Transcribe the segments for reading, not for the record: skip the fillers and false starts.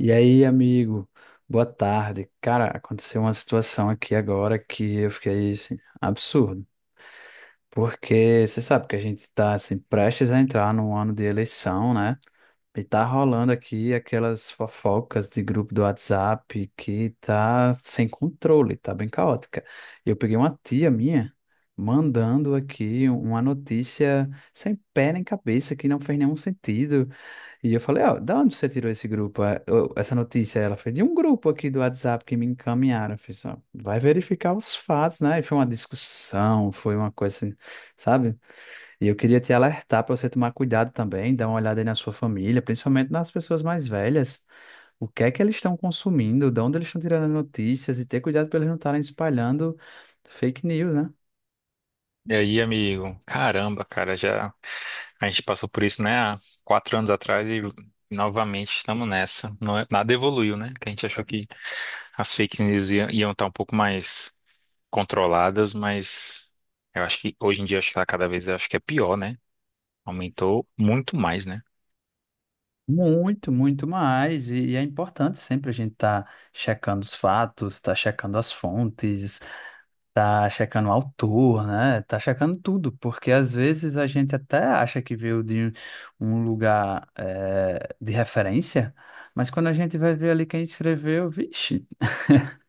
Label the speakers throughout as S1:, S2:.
S1: E aí, amigo, boa tarde. Cara, aconteceu uma situação aqui agora que eu fiquei assim, absurdo. Porque você sabe que a gente tá assim, prestes a entrar num ano de eleição, né? E tá rolando aqui aquelas fofocas de grupo do WhatsApp que tá sem controle, tá bem caótica. Eu peguei uma tia minha mandando aqui uma notícia sem pé nem cabeça, que não fez nenhum sentido. E eu falei, ó, da onde você tirou esse grupo, essa notícia? Ela foi de um grupo aqui do WhatsApp que me encaminharam. Eu fiz, ó, vai verificar os fatos, né? E foi uma discussão, foi uma coisa assim, sabe? E eu queria te alertar para você tomar cuidado também, dar uma olhada aí na sua família, principalmente nas pessoas mais velhas. O que é que eles estão consumindo, de onde eles estão tirando as notícias e ter cuidado para eles não estarem espalhando fake news, né?
S2: E aí, amigo? Caramba, cara, já a gente passou por isso, né, há 4 anos atrás e novamente estamos nessa. Nada evoluiu, né? Que a gente achou que as fake news iam estar um pouco mais controladas, mas eu acho que hoje em dia acho que tá cada vez acho que é pior, né? Aumentou muito mais, né?
S1: Muito, muito mais. E é importante sempre a gente estar checando os fatos, estar checando as fontes, tá checando o autor, né? Tá checando tudo, porque às vezes a gente até acha que veio de um lugar de referência, mas quando a gente vai ver ali quem escreveu, vixe,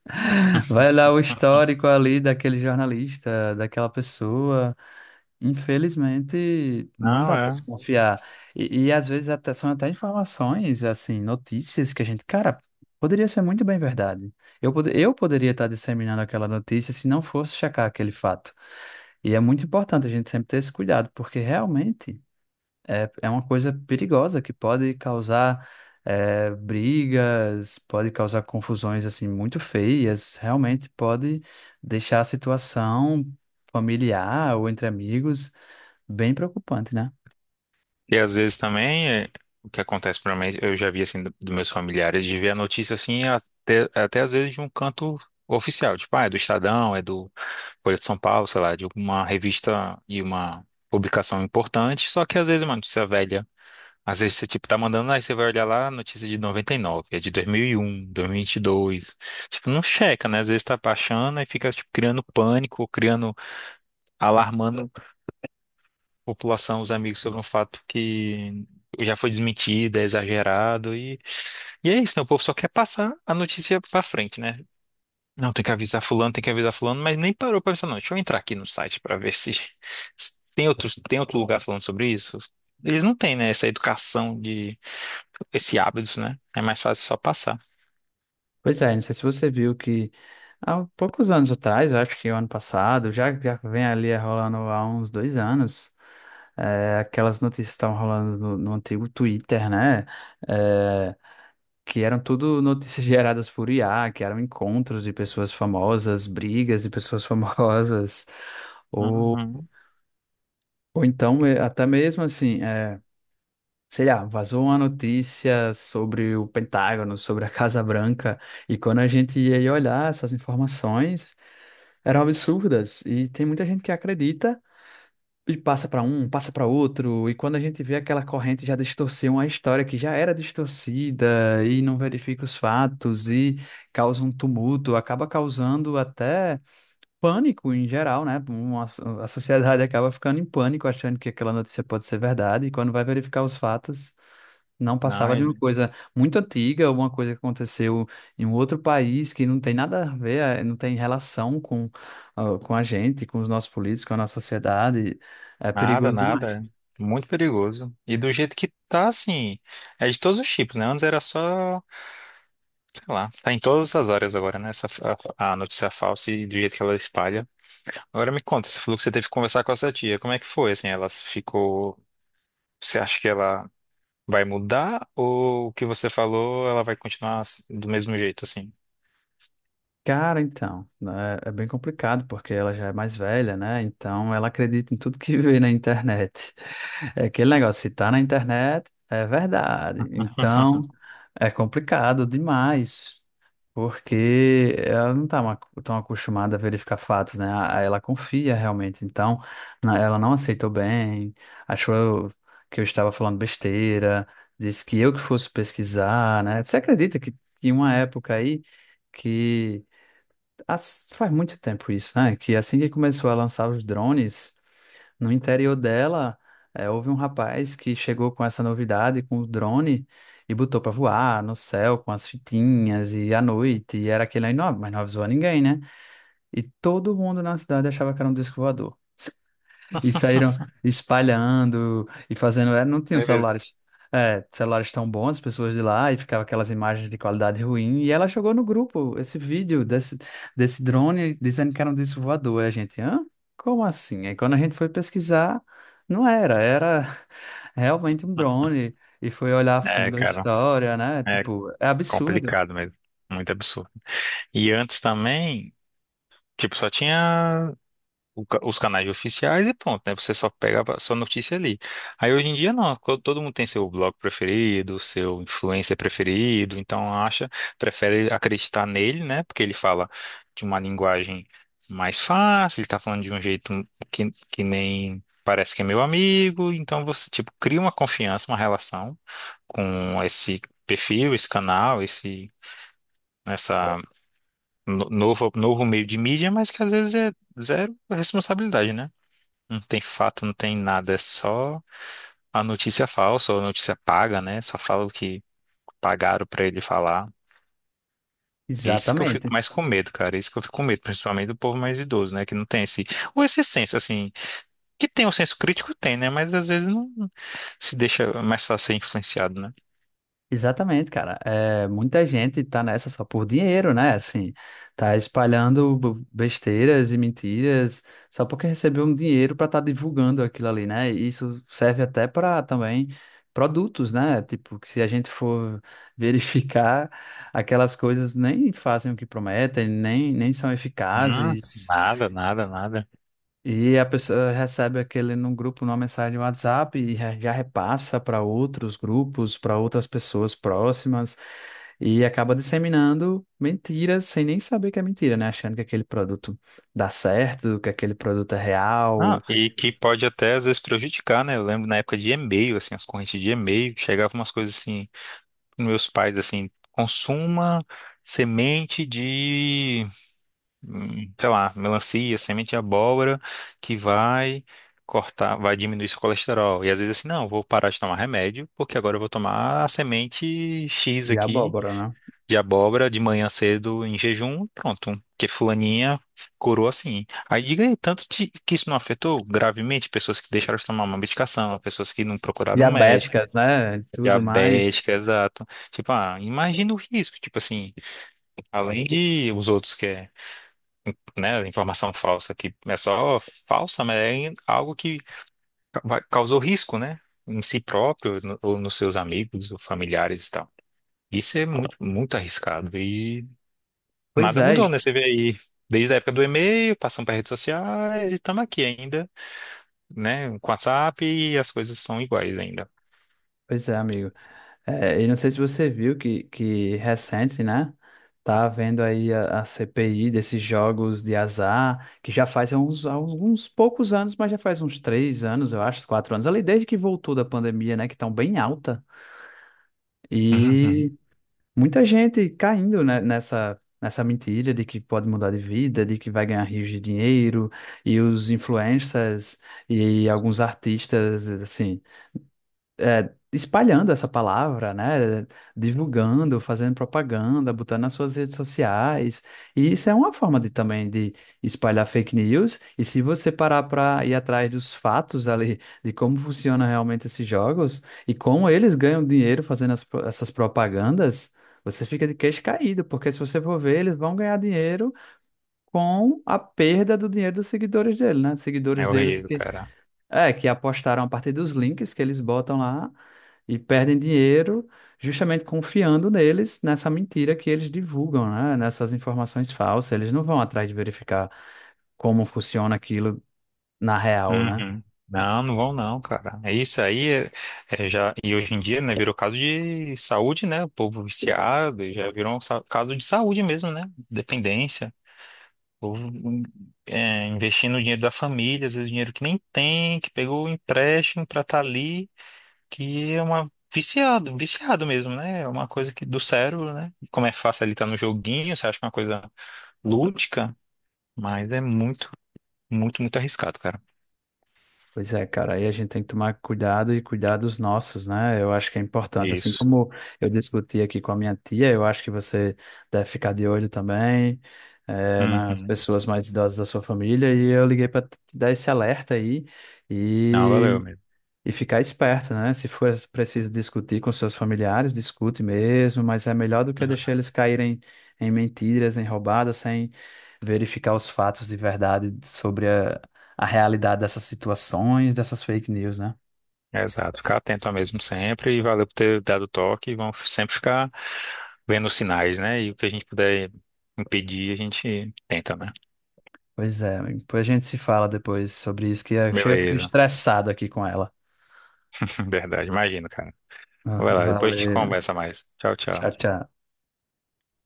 S1: vai lá o histórico ali daquele jornalista, daquela pessoa. Infelizmente, não
S2: Não,
S1: dá para
S2: é.
S1: se confiar. Às vezes até são até informações, assim, notícias que a gente, cara, poderia ser muito bem verdade. Eu poderia estar disseminando aquela notícia se não fosse checar aquele fato. E é muito importante a gente sempre ter esse cuidado, porque realmente é uma coisa perigosa que pode causar brigas, pode causar confusões, assim, muito feias. Realmente pode deixar a situação familiar ou entre amigos. Bem preocupante, né?
S2: E às vezes também, o que acontece para mim, eu já vi assim dos meus familiares, de ver a notícia assim, até às vezes de um canto oficial, tipo, ah, é do Estadão, é do Folha de São Paulo, sei lá, de uma revista e uma publicação importante, só que às vezes é uma notícia velha. Às vezes você, tipo, tá mandando, aí você vai olhar lá, notícia de 99 é de 2001, 2001 e dois. Tipo, não checa, né? Às vezes tá baixando e fica, tipo, criando pânico, criando, alarmando população, os amigos, sobre um fato que já foi desmentido, é exagerado e é isso, né? O povo só quer passar a notícia pra frente, né? Não, tem que avisar fulano, tem que avisar fulano, mas nem parou pra pensar, não. Deixa eu entrar aqui no site pra ver se, se tem outro, tem outro lugar falando sobre isso. Eles não têm, né, essa educação de esse hábito, né? É mais fácil só passar.
S1: Pois é, não sei se você viu que há poucos anos atrás, eu acho que o ano passado, já vem ali rolando há uns dois anos, aquelas notícias que estavam rolando no antigo Twitter, né? É, que eram tudo notícias geradas por IA, que eram encontros de pessoas famosas, brigas de pessoas famosas, ou,
S2: Uhum.
S1: ou então até mesmo assim. Sei lá, vazou uma notícia sobre o Pentágono, sobre a Casa Branca, e quando a gente ia ir olhar essas informações, eram absurdas, e tem muita gente que acredita e passa para um, passa para outro, e quando a gente vê aquela corrente já distorcer uma história que já era distorcida e não verifica os fatos e causa um tumulto, acaba causando até pânico em geral, né? A sociedade acaba ficando em pânico, achando que aquela notícia pode ser verdade, e quando vai verificar os fatos, não
S2: Não,
S1: passava de
S2: é-
S1: uma coisa muito antiga, alguma coisa que aconteceu em um outro país que não tem nada a ver, não tem relação com, com a gente, com os nossos políticos, com a nossa sociedade. É
S2: Nada,
S1: perigoso demais.
S2: nada. Muito perigoso. E do jeito que tá, assim, é de todos os tipos, né? Antes era só. Sei lá, tá em todas as áreas agora, né? Essa, a notícia falsa e do jeito que ela espalha. Agora me conta, você falou que você teve que conversar com essa tia. Como é que foi? Assim, ela ficou. Você acha que ela vai mudar ou o que você falou, ela vai continuar assim, do mesmo jeito, assim?
S1: Cara, então, né, é bem complicado porque ela já é mais velha, né? Então ela acredita em tudo que vê na internet. É aquele negócio, se tá na internet, é verdade. Então é complicado demais, porque ela não tá ma- tão acostumada a verificar fatos, né? Ela confia realmente. Então ela não aceitou bem, achou que eu estava falando besteira, disse que eu que fosse pesquisar, né? Você acredita que uma época aí que faz muito tempo isso, né? Que assim que começou a lançar os drones, no interior dela, houve um rapaz que chegou com essa novidade, com o drone, e botou para voar no céu com as fitinhas e à noite, e era aquele aí, não, mas não avisou a ninguém, né? E todo mundo na cidade achava que era um disco voador. E saíram espalhando e fazendo. Não
S2: É
S1: tinham
S2: mesmo.
S1: celulares, celulares tão bons, as pessoas de lá, e ficava aquelas imagens de qualidade ruim. E ela jogou no grupo esse vídeo desse drone dizendo que era um disco voador. Aí a gente, hã? Como assim? Aí quando a gente foi pesquisar, não era, era realmente um drone. E foi olhar a
S2: É,
S1: fundo a
S2: cara,
S1: história, né?
S2: é
S1: Tipo, é absurdo.
S2: complicado mesmo. Muito absurdo. E antes também, tipo, só tinha os canais oficiais e pronto, né? Você só pega a sua notícia ali. Aí hoje em dia não, todo mundo tem seu blog preferido, seu influencer preferido, então acha, prefere acreditar nele, né? Porque ele fala de uma linguagem mais fácil, ele tá falando de um jeito que nem parece que é meu amigo, então você, tipo, cria uma confiança, uma relação com esse perfil, esse canal, esse, essa novo, meio de mídia, mas que às vezes é zero responsabilidade, né? Não tem fato, não tem nada, é só a notícia falsa ou a notícia paga, né? Só fala o que pagaram pra ele falar. É isso que eu fico
S1: Exatamente.
S2: mais com medo, cara. É isso que eu fico com medo, principalmente do povo mais idoso, né? Que não tem esse. Ou esse senso, assim. Que tem o senso crítico, tem, né? Mas às vezes não, se deixa mais fácil ser influenciado, né?
S1: Exatamente, cara. É, muita gente tá nessa só por dinheiro, né? Assim, tá espalhando besteiras e mentiras só porque recebeu um dinheiro para estar divulgando aquilo ali, né? E isso serve até para também produtos, né? Tipo, que se a gente for verificar, aquelas coisas nem fazem o que prometem, nem são eficazes.
S2: Nada, nada, nada.
S1: E a pessoa recebe aquele num grupo, numa mensagem no WhatsApp e já repassa para outros grupos, para outras pessoas próximas e acaba disseminando mentiras sem nem saber que é mentira, né? Achando que aquele produto dá certo, que aquele produto é real
S2: Não, e que pode até às vezes prejudicar, né? Eu lembro na época de e-mail, assim, as correntes de e-mail, chegavam umas coisas assim. Meus pais assim, consuma semente de, sei lá, melancia, semente de abóbora que vai cortar, vai diminuir seu colesterol. E às vezes assim, não, vou parar de tomar remédio, porque agora eu vou tomar a semente X
S1: e
S2: aqui
S1: abóbora, né?
S2: de abóbora de manhã cedo em jejum, pronto. Porque fulaninha curou assim. Aí diga aí, que isso não afetou gravemente pessoas que deixaram de tomar uma medicação, pessoas que não procuraram um médico.
S1: Diabéticas, né? Tudo mais.
S2: Diabética, exato. Tipo, ah, imagina o risco, tipo assim, além de os outros que é, né, informação falsa, que é só falsa, mas é algo que causou risco, né, em si próprio, ou nos seus amigos, ou familiares e tal. Isso é muito, muito arriscado e
S1: Pois
S2: nada mudou,
S1: é,
S2: né, você vê aí, desde a época do e-mail, passando para redes sociais e estamos aqui ainda, né, com o WhatsApp e as coisas são iguais ainda.
S1: Pois é, amigo. É, e não sei se você viu que recente, né? Tá havendo aí a CPI desses jogos de azar, que já faz uns, alguns poucos anos, mas já faz uns três anos, eu acho, quatro anos, ali desde que voltou da pandemia, né? Que estão bem alta.
S2: Uhum.
S1: E muita gente caindo, nessa mentira de que pode mudar de vida, de que vai ganhar rios de dinheiro, e os influencers e alguns artistas, assim espalhando essa palavra, né? Divulgando, fazendo propaganda, botando nas suas redes sociais. E isso é uma forma de também de espalhar fake news. E se você parar para ir atrás dos fatos ali de como funcionam realmente esses jogos e como eles ganham dinheiro fazendo essas propagandas, você fica de queixo caído, porque se você for ver, eles vão ganhar dinheiro com a perda do dinheiro dos seguidores dele, né? Seguidores
S2: É
S1: deles
S2: horrível,
S1: que
S2: cara.
S1: que apostaram a partir dos links que eles botam lá e perdem dinheiro justamente confiando neles, nessa mentira que eles divulgam, né? Nessas informações falsas. Eles não vão atrás de verificar como funciona aquilo na real, né?
S2: Uhum. Não, não vão não, cara. É isso aí, é já e hoje em dia, né, virou caso de saúde, né? O povo viciado, já virou um caso de saúde mesmo, né? Dependência. O povo, investindo o dinheiro da família, às vezes dinheiro que nem tem, que pegou o empréstimo pra estar ali, que é uma viciado, viciado mesmo, né? É uma coisa que do cérebro, né? Como é fácil ali estar no joguinho, você acha que é uma coisa lúdica, mas é muito, muito, muito arriscado, cara.
S1: Pois é, cara, aí a gente tem que tomar cuidado e cuidar dos nossos, né? Eu acho que é importante. Assim
S2: Isso.
S1: como eu discuti aqui com a minha tia, eu acho que você deve ficar de olho também, nas
S2: Uhum.
S1: pessoas mais idosas da sua família. E eu liguei para te dar esse alerta aí.
S2: Não, valeu,
S1: E
S2: amigo.
S1: E ficar esperto, né? Se for preciso discutir com seus familiares, discute mesmo, mas é melhor do que
S2: Uhum.
S1: deixar eles caírem em mentiras, em roubadas, sem verificar os fatos de verdade sobre a realidade dessas situações, dessas fake news, né?
S2: Exato, ficar atento mesmo sempre e valeu por ter dado o toque. E vamos sempre ficar vendo os sinais, né? E o que a gente puder impedir, a gente tenta, né?
S1: Pois é, amigo. Depois a gente se fala depois sobre isso, que eu chego a ficar
S2: Beleza,
S1: estressado aqui com ela.
S2: verdade, imagina, cara.
S1: Ah,
S2: Vai lá, depois a gente
S1: valeu.
S2: conversa mais. Tchau,
S1: Tchau,
S2: tchau.
S1: tchau.